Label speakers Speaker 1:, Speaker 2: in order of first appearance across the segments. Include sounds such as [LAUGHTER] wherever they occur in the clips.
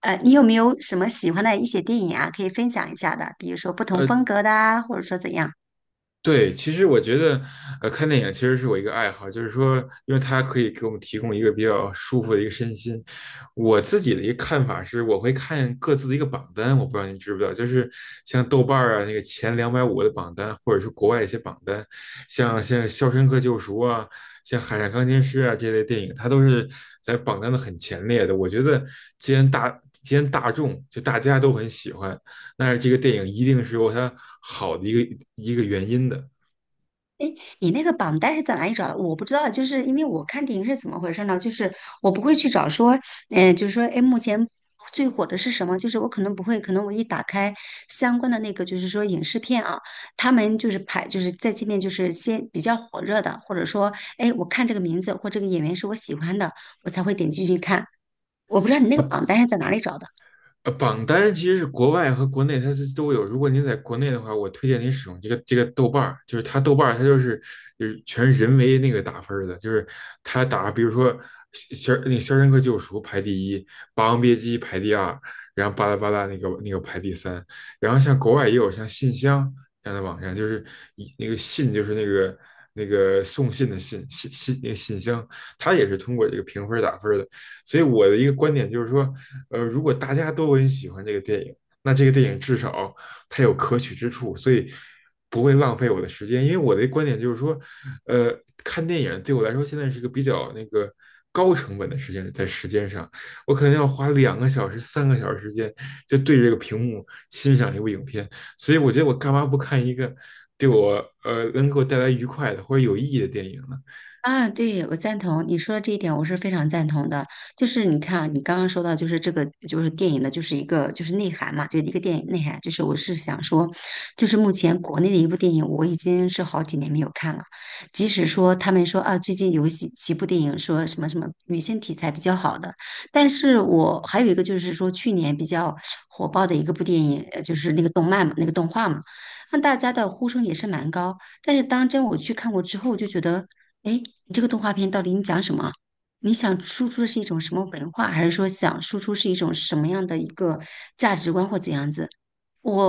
Speaker 1: 你有没有什么喜欢的一些电影啊，可以分享一下的？比如说不同
Speaker 2: 呃，
Speaker 1: 风格的啊，或者说怎样？
Speaker 2: 对，其实我觉得，看电影其实是我一个爱好，就是说，因为它可以给我们提供一个比较舒服的一个身心。我自己的一个看法是，我会看各自的一个榜单，我不知道您知不知道，就是像豆瓣儿啊那个前两百五的榜单，或者是国外一些榜单，像《肖申克救赎》啊，像《海上钢琴师啊》这类电影，它都是在榜单的很前列的。我觉得，既然大众就大家都很喜欢，但是这个电影一定是有它好的一个原因的
Speaker 1: 你那个榜单是在哪里找的？我不知道，就是因为我看电影是怎么回事呢？就是我不会去找说，就是说，哎，目前最火的是什么？就是我可能不会，可能我一打开相关的那个，就是说影视片啊，他们就是排，就是在界面就是先比较火热的，或者说，哎，我看这个名字或这个演员是我喜欢的，我才会点进去看。我不知道你那个
Speaker 2: 啊，
Speaker 1: 榜单是在哪里找的。
Speaker 2: 榜单其实是国外和国内它是都有。如果您在国内的话，我推荐您使用这个豆瓣儿，就是它豆瓣儿它就是就是全是人为那个打分儿的，就是它打比如说肖那个肖申克救赎》排第一，《霸王别姬》排第二，然后巴拉巴拉那个排第三。然后像国外也有像信箱这样的网站，就是一那个信就是那个那个送信的信那个信箱，它也是通过这个评分儿打分儿的。所以我的一个观点就是说，如果大家都很喜欢这个电影，那这个电影至少它有可取之处，所以不会浪费我的时间。因为我的观点就是说，呃，看电影对我来说现在是个比较那个高成本的时间，在时间上，我可能要花两个小时、三个小时时间就对着这个屏幕欣赏一部影片，所以我觉得我干嘛不看一个对我能给我带来愉快的或者有意义的电影呢？
Speaker 1: 啊，对，我赞同你说的这一点，我是非常赞同的。就是你看啊，你刚刚说到，就是这个，就是电影的，就是一个就是内涵嘛，就一个电影内涵。就是我是想说，就是目前国内的一部电影，我已经是好几年没有看了。即使说他们说啊，最近有几部电影说什么什么女性题材比较好的，但是我还有一个就是说去年比较火爆的一个部电影，就是那个动漫嘛，那个动画嘛，让大家的呼声也是蛮高。但是当真我去看过之后，我就觉得。哎，诶，你这个动画片到底你讲什么？你想输出的是一种什么文化，还是说想输出是一种什么样的一个价值观或怎样子？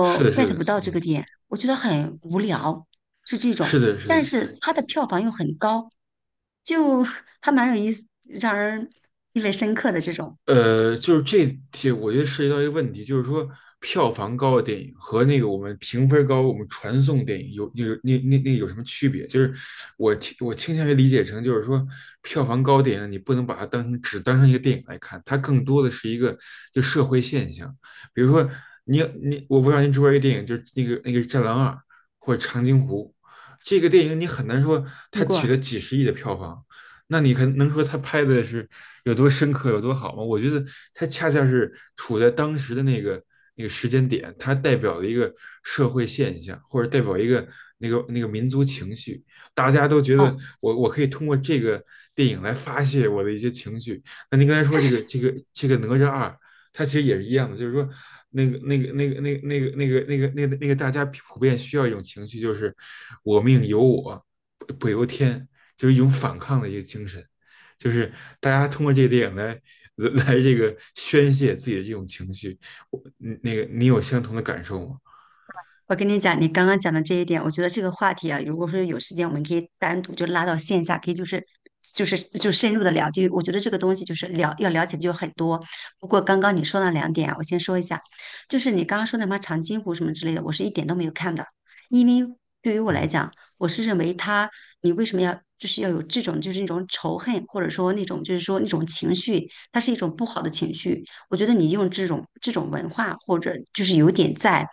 Speaker 2: 是的，是
Speaker 1: get 不
Speaker 2: 的，
Speaker 1: 到这
Speaker 2: 嗯。
Speaker 1: 个点，我觉得很无聊，是这
Speaker 2: 是
Speaker 1: 种。
Speaker 2: 的，是
Speaker 1: 但
Speaker 2: 的。
Speaker 1: 是它的票房又很高，就 [LAUGHS] 还蛮有意思，让人意味深刻的这种。
Speaker 2: 就是这题，我觉得涉及到一个问题，就是说票房高的电影和那个我们评分高、我们传送电影有那有什么区别？就是我倾向于理解成，就是说票房高的电影，你不能把它当成只当成一个电影来看，它更多的是一个就社会现象。比如说你，我不知道您知不知道一个电影，就是那个《战狼二》或者《长津湖》，这个电影你很难说它
Speaker 1: 听
Speaker 2: 取
Speaker 1: 过
Speaker 2: 得几十亿的票房。那你可能说他拍的是有多深刻、有多好吗？我觉得他恰恰是处在当时的那个那个时间点，它代表了一个社会现象，或者代表一个那个民族情绪。大家都觉得
Speaker 1: 哦，
Speaker 2: 我可以通过这个电影来发泄我的一些情绪。那您刚才说这个哪吒二，它其实也是一样的，就是说那个那个那个那个那个那个那个那个那个大家普遍需要一种情绪，就是我命由我不由天。就是一种反抗的一个精神，就是大家通过这个电影来这个宣泄自己的这种情绪。我嗯那个你有相同的感受吗？
Speaker 1: 我跟你讲，你刚刚讲的这一点，我觉得这个话题啊，如果说有时间，我们可以单独就拉到线下，可以就是就深入的聊。就我觉得这个东西就是了要了解的就很多。不过刚刚你说那两点啊，我先说一下，就是你刚刚说那什么长津湖什么之类的，我是一点都没有看的，因为对于我来
Speaker 2: 嗯
Speaker 1: 讲，我是认为他你为什么要就是要有这种就是那种仇恨，或者说那种就是说那种情绪，它是一种不好的情绪。我觉得你用这种文化，或者就是有点在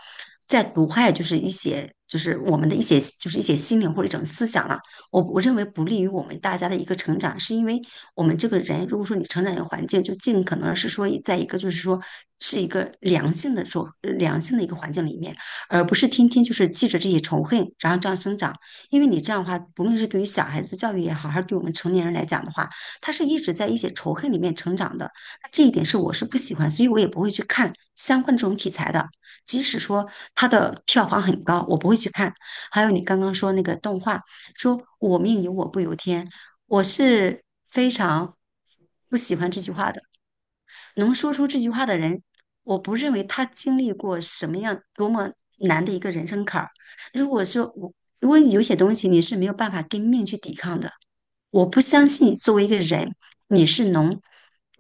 Speaker 1: 在毒害，就是一些就是我们的一些就是一些心灵或者一种思想了。我认为不利于我们大家的一个成长，是因为我们这个人，如果说你成长一个环境，就尽可能是说在一个就是说是一个良性的一个环境里面，而不是天天就是记着这些仇恨，然后这样生长。因为你这样的话，不论是对于小孩子教育也好，还是对我们成年人来讲的话，他是一直在一些仇恨里面成长的。这一点是我是不喜欢，所以我也不会去看相关的这种题材的。即使说它的票房很高，我不会去看。还有你刚刚说那个动画，说“我命由我不由天”，我是非常不喜欢这句话的。能说出这句话的人，我不认为他经历过什么样多么难的一个人生坎儿。如果说我，如果你有些东西你是没有办法跟命去抵抗的，我不相信作为一个人，你是能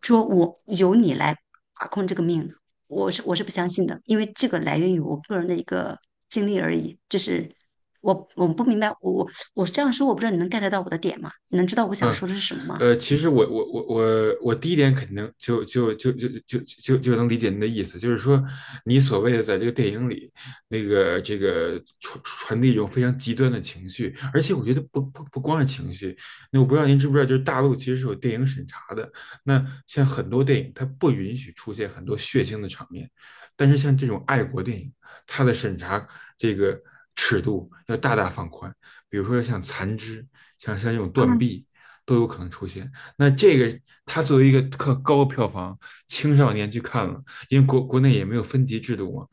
Speaker 1: 说我由你来把控这个命的，我是不相信的，因为这个来源于我个人的一个经历而已。就是我不明白，我这样说，我不知道你能 get 到我的点吗？你能知道我想
Speaker 2: 嗯。
Speaker 1: 说的是什么吗？
Speaker 2: 其实我第一点肯定能就就就就就就就能理解您的意思，就是说你所谓的在这个电影里，那个这个传递一种非常极端的情绪，而且我觉得不光是情绪，那我不知道您知不知道，就是大陆其实是有电影审查的，那像很多电影它不允许出现很多血腥的场面，但是像这种爱国电影，它的审查这个尺度要大大放宽，比如说像《残肢》，像这种《断
Speaker 1: 嗯，
Speaker 2: 臂》。都有可能出现。那这个他作为一个特高票房，青少年去看了，因为国内也没有分级制度嘛。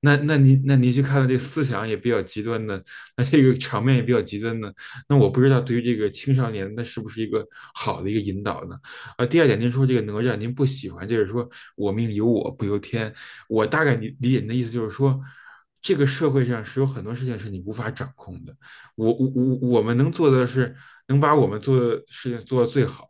Speaker 2: 那你去看了这个思想也比较极端的，那这个场面也比较极端的，那我不知道对于这个青少年，那是不是一个好的一个引导呢？啊，第二点，您说这个哪吒您不喜欢，就是说我命由我不由天，我大概理解您的意思就是说，这个社会上是有很多事情是你无法掌控的，我们能做的是能把我们做的事情做到最好。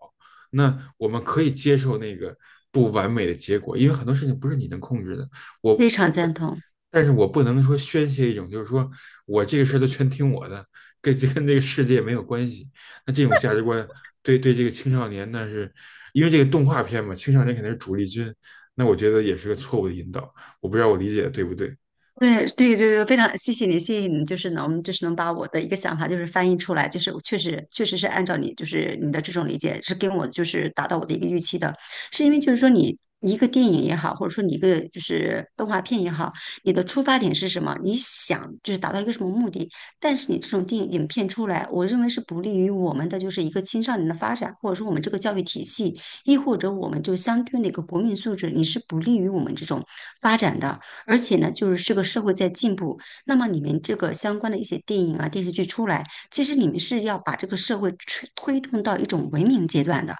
Speaker 2: 那我们可以接受那个不完美的结果，因为很多事情不是你能控制的。
Speaker 1: 非
Speaker 2: 我，
Speaker 1: 常赞同。
Speaker 2: 但是我不能说宣泄一种，就是说我这个事儿都全听我的，跟这个世界没有关系。那这种价值观对这个青少年，那是因为这个动画片嘛，青少年肯定是主力军。那我觉得也是个错误的引导，我不知道我理解的对不对。
Speaker 1: 对对，就是非常谢谢你，谢谢你，就是能把我的一个想法就是翻译出来，就是我确实确实是按照你就是你的这种理解是跟我就是达到我的一个预期的，是因为就是说你一个电影也好，或者说你一个就是动画片也好，你的出发点是什么？你想就是达到一个什么目的？但是你这种电影影片出来，我认为是不利于我们的就是一个青少年的发展，或者说我们这个教育体系，亦或者我们就相对应的一个国民素质，你是不利于我们这种发展的。而且呢，就是这个社会在进步，那么你们这个相关的一些电影啊、电视剧出来，其实你们是要把这个社会推动到一种文明阶段的，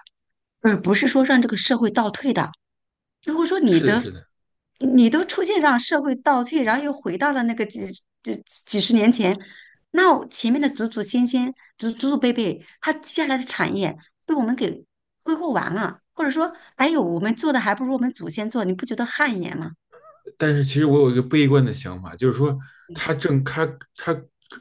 Speaker 1: 而不是说让这个社会倒退的。如果说
Speaker 2: 是的，是的。
Speaker 1: 你都出现让社会倒退，然后又回到了那个几十年前，那我前面的祖祖先先、祖祖辈辈，他接下来的产业被我们给挥霍完了，或者说，哎呦，我们做的还不如我们祖先做，你不觉得汗颜吗？
Speaker 2: 但是其实我有一个悲观的想法，就是说它正它它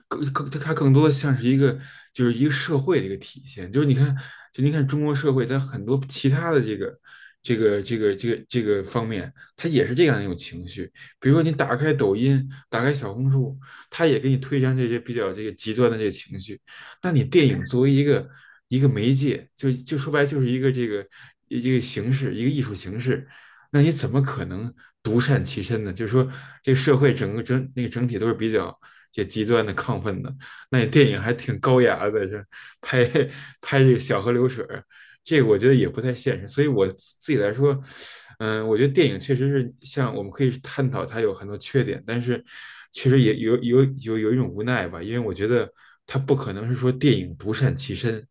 Speaker 2: 更它更多的像是一个就是一个社会的一个体现，就是你看就你看中国社会在很多其他的这个方面，它也是这样一种情绪。比如说你打开抖音，打开小红书，它也给你推荐这些比较这个极端的这个情绪。那你电影作为一个媒介，就说白了就是一个这个一个形式，一个艺术形式，那你怎么可能独善其身呢？就是说，这个社会整个整那个整体都是比较这极端的亢奋的，那你电影还挺高雅的，这拍拍这个小河流水这个我觉得也不太现实。所以我自己来说，嗯，我觉得电影确实是像我们可以探讨它有很多缺点，但是确实也有一种无奈吧，因为我觉得它不可能是说电影独善其身。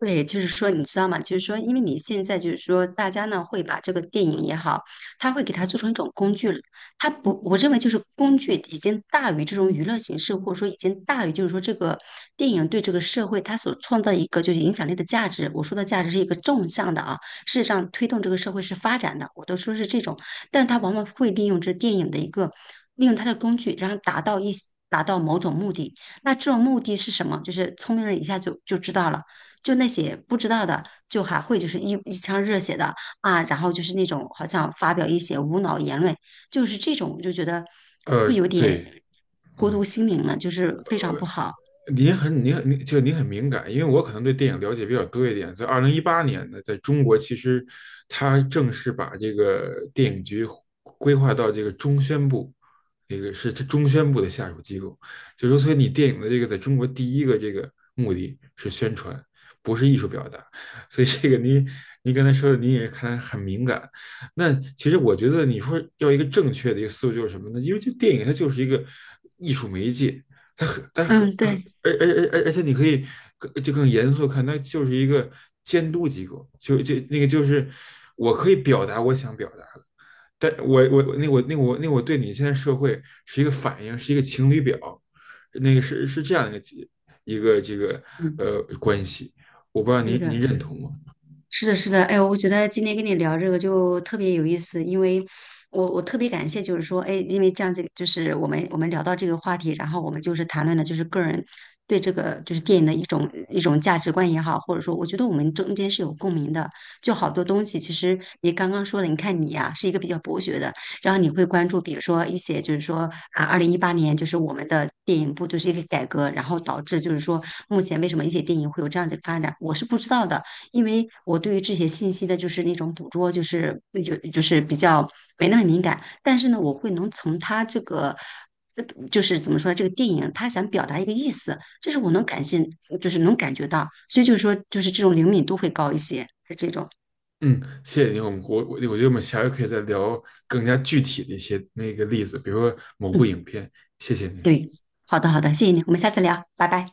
Speaker 1: 对，就是说，你知道吗？就是说，因为你现在就是说，大家呢会把这个电影也好，他会给它做成一种工具了。它不，我认为就是工具已经大于这种娱乐形式，或者说已经大于就是说这个电影对这个社会它所创造一个就是影响力的价值。我说的价值是一个纵向的啊，事实上推动这个社会是发展的，我都说是这种，但他往往会利用这电影的一个利用它的工具，然后达到某种目的。那这种目的是什么？就是聪明人一下就知道了。就那些不知道的，就还会就是一腔热血的啊，然后就是那种好像发表一些无脑言论，就是这种我就觉得
Speaker 2: 呃，
Speaker 1: 会有点
Speaker 2: 对，
Speaker 1: 荼毒
Speaker 2: 嗯。
Speaker 1: 心灵了，就是非常不好。
Speaker 2: 您很敏感，因为我可能对电影了解比较多一点。在二零一八年呢，在中国其实它正式把这个电影局规划到这个中宣部，那个是它中宣部的下属机构。就是说，所以你电影的这个在中国第一个这个目的是宣传，不是艺术表达。所以这个您刚才说的，您也看来很敏感。那其实我觉得你说要一个正确的一个思路就是什么呢？因为这电影它就是一个艺术媒介。它很、它很、
Speaker 1: 嗯，对，
Speaker 2: 而且你可以更严肃地看，它就是一个监督机构，那个就是我可以表达我想表达的，但我对你现在社会是一个反应，是一个情侣表，那个是是这样一个一个这个
Speaker 1: 嗯，
Speaker 2: 关系，我不知道
Speaker 1: 对
Speaker 2: 您
Speaker 1: 的。
Speaker 2: 认同吗？
Speaker 1: 是的，是的，哎，我觉得今天跟你聊这个就特别有意思，因为我特别感谢，就是说，哎，因为这样子，就是我们聊到这个话题，然后我们就是谈论的，就是个人对这个就是电影的一种一种价值观也好，或者说，我觉得我们中间是有共鸣的，就好多东西，其实你刚刚说的，你看你呀、是一个比较博学的，然后你会关注，比如说一些就是说啊，2018年就是我们的电影部就是一个改革，然后导致就是说目前为什么一些电影会有这样子的发展，我是不知道的。因为我对于这些信息的，就是那种捕捉，就是那就是比较没那么敏感，但是呢，我会能从他这个，呃就是怎么说，这个电影他想表达一个意思，就是我能感性，就是能感觉到，所以就是说，就是这种灵敏度会高一些，是这种，
Speaker 2: 嗯，谢谢您，我觉得我们下回可以再聊更加具体的一些那个例子，比如说某部
Speaker 1: 嗯，
Speaker 2: 影片，谢谢您。
Speaker 1: 对，好的好的，谢谢你，我们下次聊，拜拜。